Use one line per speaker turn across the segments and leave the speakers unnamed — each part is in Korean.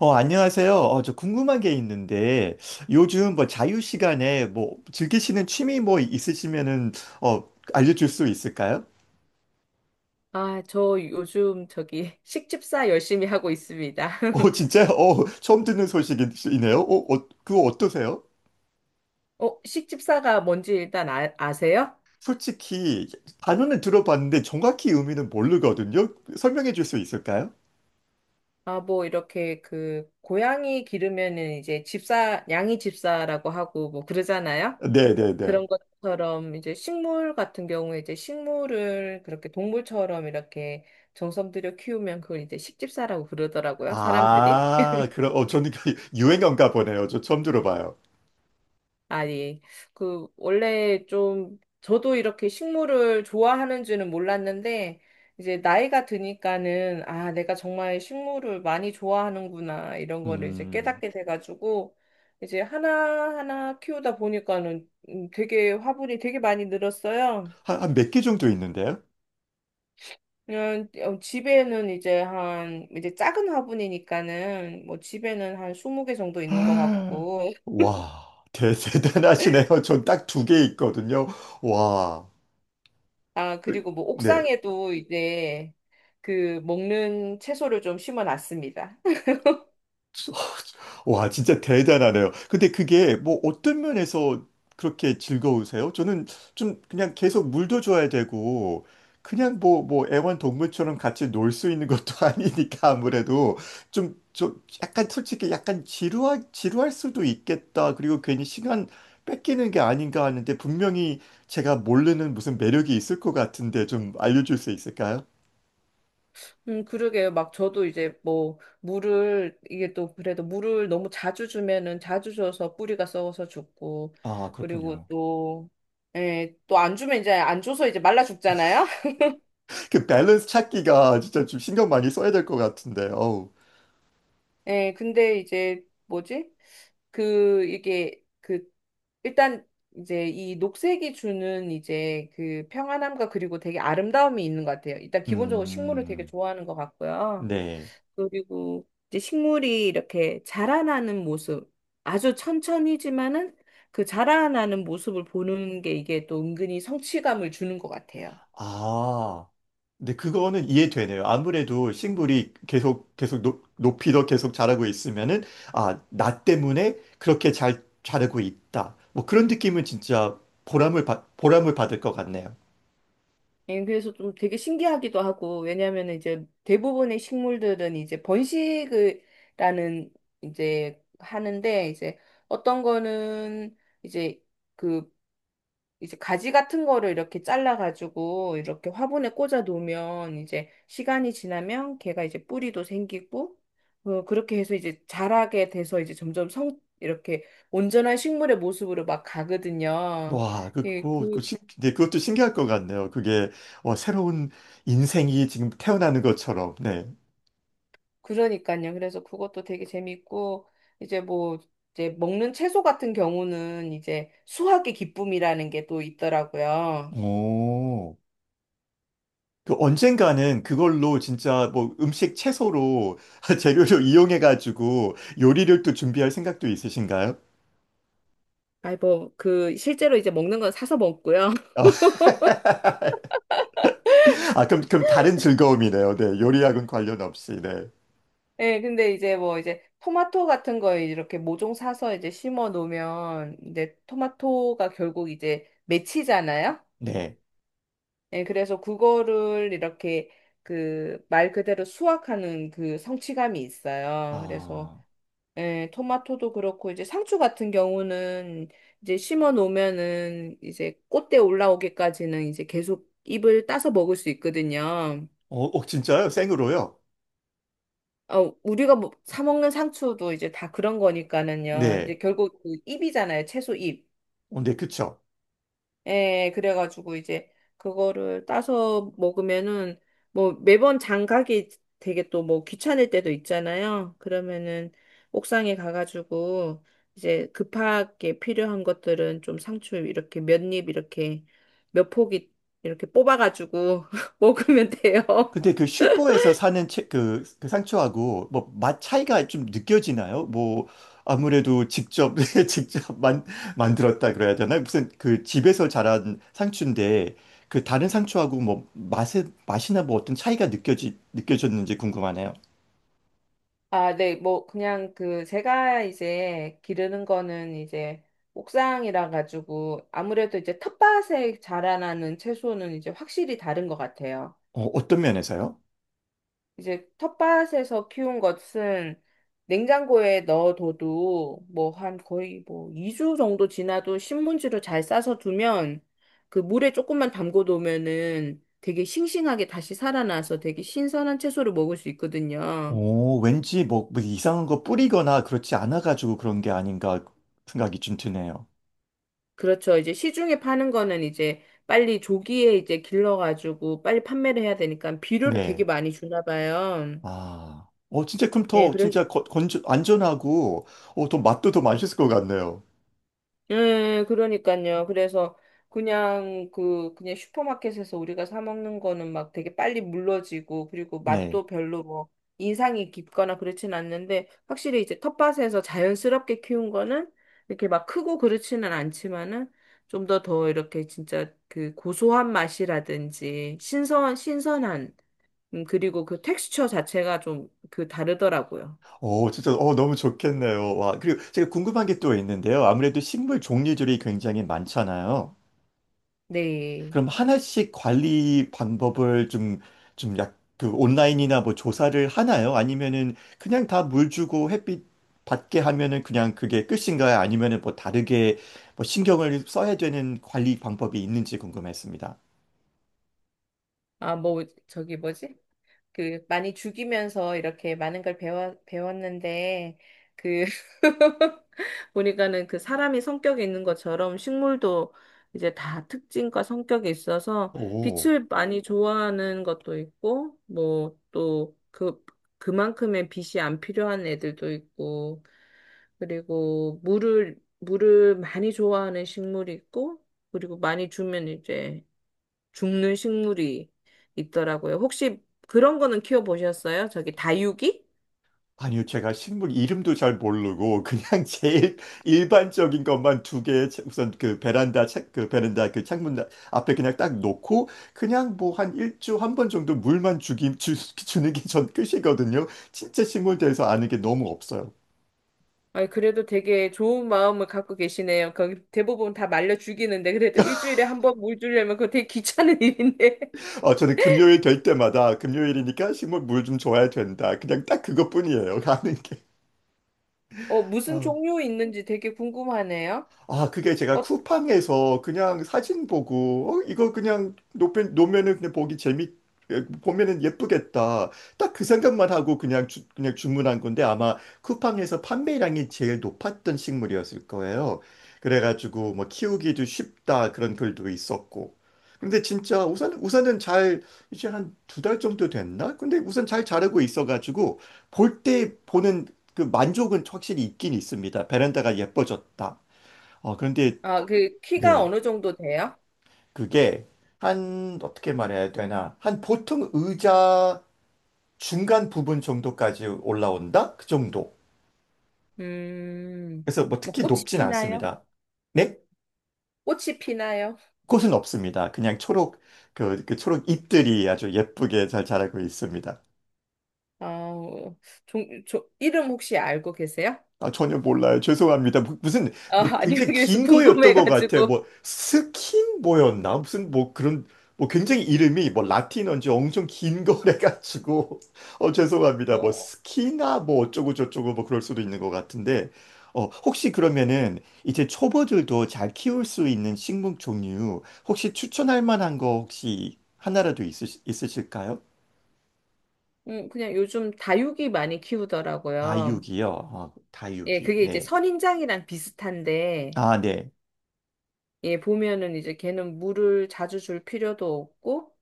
안녕하세요. 저 궁금한 게 있는데, 요즘 뭐 자유 시간에 뭐 즐기시는 취미 뭐 있으시면은, 어, 알려줄 수 있을까요?
아, 저 요즘 저기 식집사 열심히 하고 있습니다.
진짜요? 처음 듣는 소식이네요. 그거 어떠세요?
어, 식집사가 뭔지 일단 아세요?
솔직히 단어는 들어봤는데 정확히 의미는 모르거든요. 설명해 줄 수 있을까요?
아, 뭐 이렇게 그 고양이 기르면은 이제 집사, 양이 집사라고 하고 뭐 그러잖아요.
네네네.
그런 것처럼 이제 식물 같은 경우에 이제 식물을 그렇게 동물처럼 이렇게 정성 들여 키우면 그걸 이제 식집사라고 그러더라고요, 사람들이.
아, 그럼, 저는 유행어인가 보네요. 저 처음 들어봐요.
아니, 그, 원래 좀, 저도 이렇게 식물을 좋아하는 줄은 몰랐는데, 이제 나이가 드니까는, 아, 내가 정말 식물을 많이 좋아하는구나, 이런 거를 이제
음,
깨닫게 돼가지고, 이제 하나하나 키우다 보니까는 되게 화분이 되게 많이 늘었어요.
한 몇 개 정도 있는데요?
그냥 어, 집에는 이제 한, 이제 작은 화분이니까는, 뭐 집에는 한 20개 정도 있는 것 같고,
와, 대단하시네요. 전 딱 두 개 있거든요. 와,
아, 그리고 뭐
네.
옥상에도 이제 그 먹는 채소를 좀 심어 놨습니다.
와, 진짜 대단하네요. 근데 그게 뭐 어떤 면에서 그렇게 즐거우세요? 저는 좀 그냥 계속 물도 줘야 되고, 그냥 뭐 애완동물처럼 같이 놀 수 있는 것도 아니니까 아무래도 좀 약간 솔직히 약간 지루할 수도 있겠다. 그리고 괜히 시간 뺏기는 게 아닌가 하는데 분명히 제가 모르는 무슨 매력이 있을 것 같은데 좀 알려줄 수 있을까요?
그러게요. 막 저도 이제 뭐 물을 이게 또 그래도 물을 너무 자주 주면은 자주 줘서 뿌리가 썩어서 죽고,
아,
그리고
그렇군요.
또 예, 또 안 주면 이제 안 줘서 이제 말라 죽잖아요.
그 밸런스 찾기가 진짜 좀 신경 많이 써야 될 것 같은데, 어우.
예, 근데 이제 뭐지? 그 이게 그 일단 이제 이 녹색이 주는 이제 그 평안함과 그리고 되게 아름다움이 있는 것 같아요. 일단 기본적으로 식물을 되게
음,
좋아하는 것 같고요.
네.
그리고 이제 식물이 이렇게 자라나는 모습, 아주 천천히지만은 그 자라나는 모습을 보는 게 이게 또 은근히 성취감을 주는 것 같아요.
아, 근데 그거는 이해되네요. 아무래도 식물이 계속 이더 계속 자라고 있으면은, 아, 나 때문에 그렇게 잘 자라고 있다. 뭐 그런 느낌은 진짜 보람을 받을 것 같네요.
예, 그래서 좀 되게 신기하기도 하고, 왜냐하면 이제 대부분의 식물들은 이제 번식을, 라는, 이제 하는데, 이제 어떤 거는 이제 그, 이제 가지 같은 거를 이렇게 잘라가지고 이렇게 화분에 꽂아 놓으면 이제 시간이 지나면 걔가 이제 뿌리도 생기고, 어, 그렇게 해서 이제 자라게 돼서 이제 점점 성, 이렇게 온전한 식물의 모습으로 막 가거든요.
와,
예, 그,
네, 그것도 신기할 것 같네요. 그게, 새로운 인생이 지금 태어나는 것처럼, 네.
그러니까요. 그래서 그것도 되게 재밌고 이제 뭐 이제 먹는 채소 같은 경우는 이제 수확의 기쁨이라는 게 또 있더라고요.
오. 그 언젠가는 그걸로 진짜 뭐 음식 채소로 재료로 이용해가지고 요리를 또 준비할 생각도 있으신가요?
아이 뭐 그 실제로 이제 먹는 건 사서 먹고요.
아, 아, 그럼 다른 즐거움이네요. 네. 요리학은 관련 없이. 네.
예, 근데 이제 뭐 이제 토마토 같은 거 이렇게 모종 사서 이제 심어 놓으면 이제 토마토가 결국 이제 맺히잖아요.
네.
예, 그래서 그거를 이렇게 그 말 그대로 수확하는 그 성취감이 있어요. 그래서
아,
예, 토마토도 그렇고 이제 상추 같은 경우는 이제 심어 놓으면은 이제 꽃대 올라오기까지는 이제 계속 잎을 따서 먹을 수 있거든요.
진짜요? 생으로요?
어, 우리가 뭐, 사 먹는 상추도 이제 다 그런 거니까는요.
네.
이제 결국 그 잎이잖아요. 채소 잎.
네, 그쵸.
예, 그래가지고 이제 그거를 따서 먹으면은 뭐 매번 장 가기 되게 또 뭐 귀찮을 때도 있잖아요. 그러면은 옥상에 가가지고 이제 급하게 필요한 것들은 좀 상추 이렇게 몇 입 이렇게 몇 포기 이렇게 뽑아가지고 먹으면 돼요.
근데 그 슈퍼에서 사는 채, 그, 그 상추하고 뭐 맛 차이가 좀 느껴지나요? 뭐 아무래도 직접 직접 만들었다 그래야 되나? 무슨 그 집에서 자란 상추인데 그 다른 상추하고 뭐 맛에 맛이나 뭐 어떤 차이가 느껴지 느껴졌는지 궁금하네요.
아, 네, 뭐, 그냥 그, 제가 이제 기르는 거는 이제 옥상이라 가지고 아무래도 이제 텃밭에 자라나는 채소는 이제 확실히 다른 것 같아요.
어떤 면에서요?
이제 텃밭에서 키운 것은 냉장고에 넣어둬도 뭐 한 거의 뭐 2주 정도 지나도 신문지로 잘 싸서 두면 그 물에 조금만 담궈 놓으면은 되게 싱싱하게 다시 살아나서 되게 신선한 채소를 먹을 수 있거든요.
왠지 뭐뭐 이상한 거 뿌리거나 그렇지 않아 가지고 그런 게 아닌가 생각이 좀 드네요.
그렇죠. 이제 시중에 파는 거는 이제 빨리 조기에 이제 길러가지고 빨리 판매를 해야 되니까 비료를 되게
네.
많이 주나 봐요.
아, 진짜 그럼
예,
더
그래서
진짜 안전하고, 더 맛도 더 맛있을 것 같네요.
예, 그러니까요. 그래서 그냥 그 그냥 슈퍼마켓에서 우리가 사 먹는 거는 막 되게 빨리 물러지고 그리고
네.
맛도 별로 뭐 인상이 깊거나 그렇진 않는데 확실히 이제 텃밭에서 자연스럽게 키운 거는 이렇게 막 크고 그렇지는 않지만은 좀 더 더 이렇게 진짜 그 고소한 맛이라든지 신선한 그리고 그 텍스처 자체가 좀 그 다르더라고요.
진짜, 너무 좋겠네요. 와, 그리고 제가 궁금한 게 또 있는데요. 아무래도 식물 종류들이 굉장히 많잖아요.
네.
그럼 하나씩 관리 방법을 좀, 그 온라인이나 뭐 조사를 하나요? 아니면은 그냥 다 물 주고 햇빛 받게 하면은 그냥 그게 끝인가요? 아니면은 뭐 다르게 뭐 신경을 써야 되는 관리 방법이 있는지 궁금했습니다.
아, 뭐 저기 뭐지? 그 많이 죽이면서 이렇게 많은 걸 배웠는데 그 보니까는 그 사람이 성격이 있는 것처럼 식물도 이제 다 특징과 성격이 있어서
오.
빛을 많이 좋아하는 것도 있고 뭐 또 그 그만큼의 빛이 안 필요한 애들도 있고, 그리고 물을 많이 좋아하는 식물이 있고 그리고 많이 주면 이제 죽는 식물이 있더라고요. 혹시 그런 거는 키워보셨어요? 저기 다육이?
아니요, 제가 식물 이름도 잘 모르고 그냥 제일 일반적인 것만 두 개 우선 그 베란다 그 창문 앞에 그냥 딱 놓고 그냥 뭐 한 번 정도 물만 주는 게 전 끝이거든요. 진짜 식물 대해서 아는 게 너무 없어요.
아, 그래도 되게 좋은 마음을 갖고 계시네요. 거기 대부분 다 말려 죽이는데 그래도 일주일에 한번 물 주려면 그거 되게 귀찮은 일인데.
저는 금요일 될 때마다 금요일이니까 식물 물 좀 줘야 된다. 그냥 딱 그것뿐이에요. 아는 게.
어, 무슨
어.
종류 있는지 되게 궁금하네요.
아, 그게 제가
어,
쿠팡에서 그냥 사진 보고, 이거 그냥 놓면면은 그냥 보면은 예쁘겠다. 딱 그 생각만 하고 그냥, 그냥 주문한 건데 아마 쿠팡에서 판매량이 제일 높았던 식물이었을 거예요. 그래가지고 뭐 키우기도 쉽다 그런 글도 있었고. 근데 진짜 우선은 이제 한 두 달 정도 됐나? 근데 우선 잘 자르고 있어가지고 볼 때 보는 그 만족은 확실히 있긴 있습니다. 베란다가 예뻐졌다. 그런데,
아, 그 키가
네,
어느 정도 돼요?
그게 어떻게 말해야 되나, 한 보통 의자 중간 부분 정도까지 올라온다? 그 정도.
음,
그래서 뭐
뭐
특히
꽃이
높진
피나요?
않습니다. 네?
꽃이 피나요?
꽃은 없습니다. 그냥 초록, 그 초록 잎들이 아주 예쁘게 잘 자라고 있습니다.
아우, 이름 혹시 알고 계세요?
아, 전혀 몰라요. 죄송합니다. 무슨,
아,
뭐,
아니요.
굉장히
그래서
긴 거였던 것 같아요.
궁금해가지고.
뭐, 스킨 뭐였나? 무슨, 뭐, 그런, 뭐, 굉장히 이름이, 뭐, 라틴어인지 엄청 긴 거래가지고. 죄송합니다. 뭐,
어.
스키나, 뭐, 어쩌고저쩌고, 뭐, 그럴 수도 있는 것 같은데. 혹시 그러면은, 이제 초보들도 잘 키울 수 있는 식물 종류, 혹시 추천할 만한 거 혹시 하나라도 있으실까요?
그냥 요즘 다육이 많이 키우더라고요.
다육이요.
예,
다육이.
그게 이제
네.
선인장이랑 비슷한데,
아, 네.
예, 보면은 이제 걔는 물을 자주 줄 필요도 없고,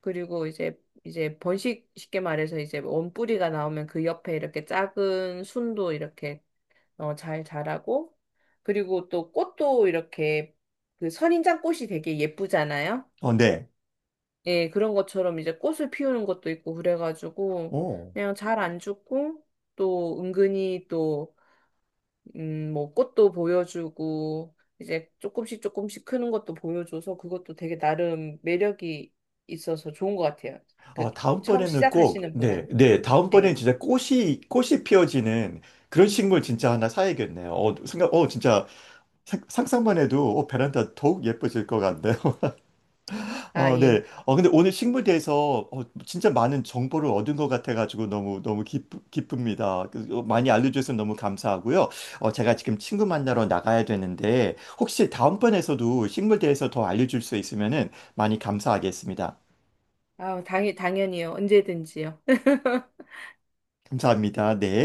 그리고 이제, 이제 번식, 쉽게 말해서 이제 원뿌리가 나오면 그 옆에 이렇게 작은 순도 이렇게 어, 잘 자라고, 그리고 또 꽃도 이렇게 그 선인장 꽃이 되게 예쁘잖아요.
네.
예, 그런 것처럼 이제 꽃을 피우는 것도 있고, 그래가지고,
오.
그냥 잘 안 죽고, 또 은근히 또 뭐 꽃도 보여주고 이제 조금씩 조금씩 크는 것도 보여줘서 그것도 되게 나름 매력이 있어서 좋은 것 같아요. 그
아,
처음
다음번에는 꼭,
시작하시는
네,
분한테.
네,
네.
다음번엔 진짜 꽃이 피어지는 그런 식물 진짜 하나 사야겠네요. 진짜 상상만 해도 베란다 더욱 예뻐질 것 같네요.
아, 예.
네. 근데 오늘 식물에 대해서 진짜 많은 정보를 얻은 것 같아가지고 너무, 너무 기쁩니다. 많이 알려주셔서 너무 감사하고요. 제가 지금 친구 만나러 나가야 되는데 혹시 다음번에서도 식물에 대해서 더 알려줄 수 있으면은 많이 감사하겠습니다.
아, 당연히요. 언제든지요.
감사합니다. 네.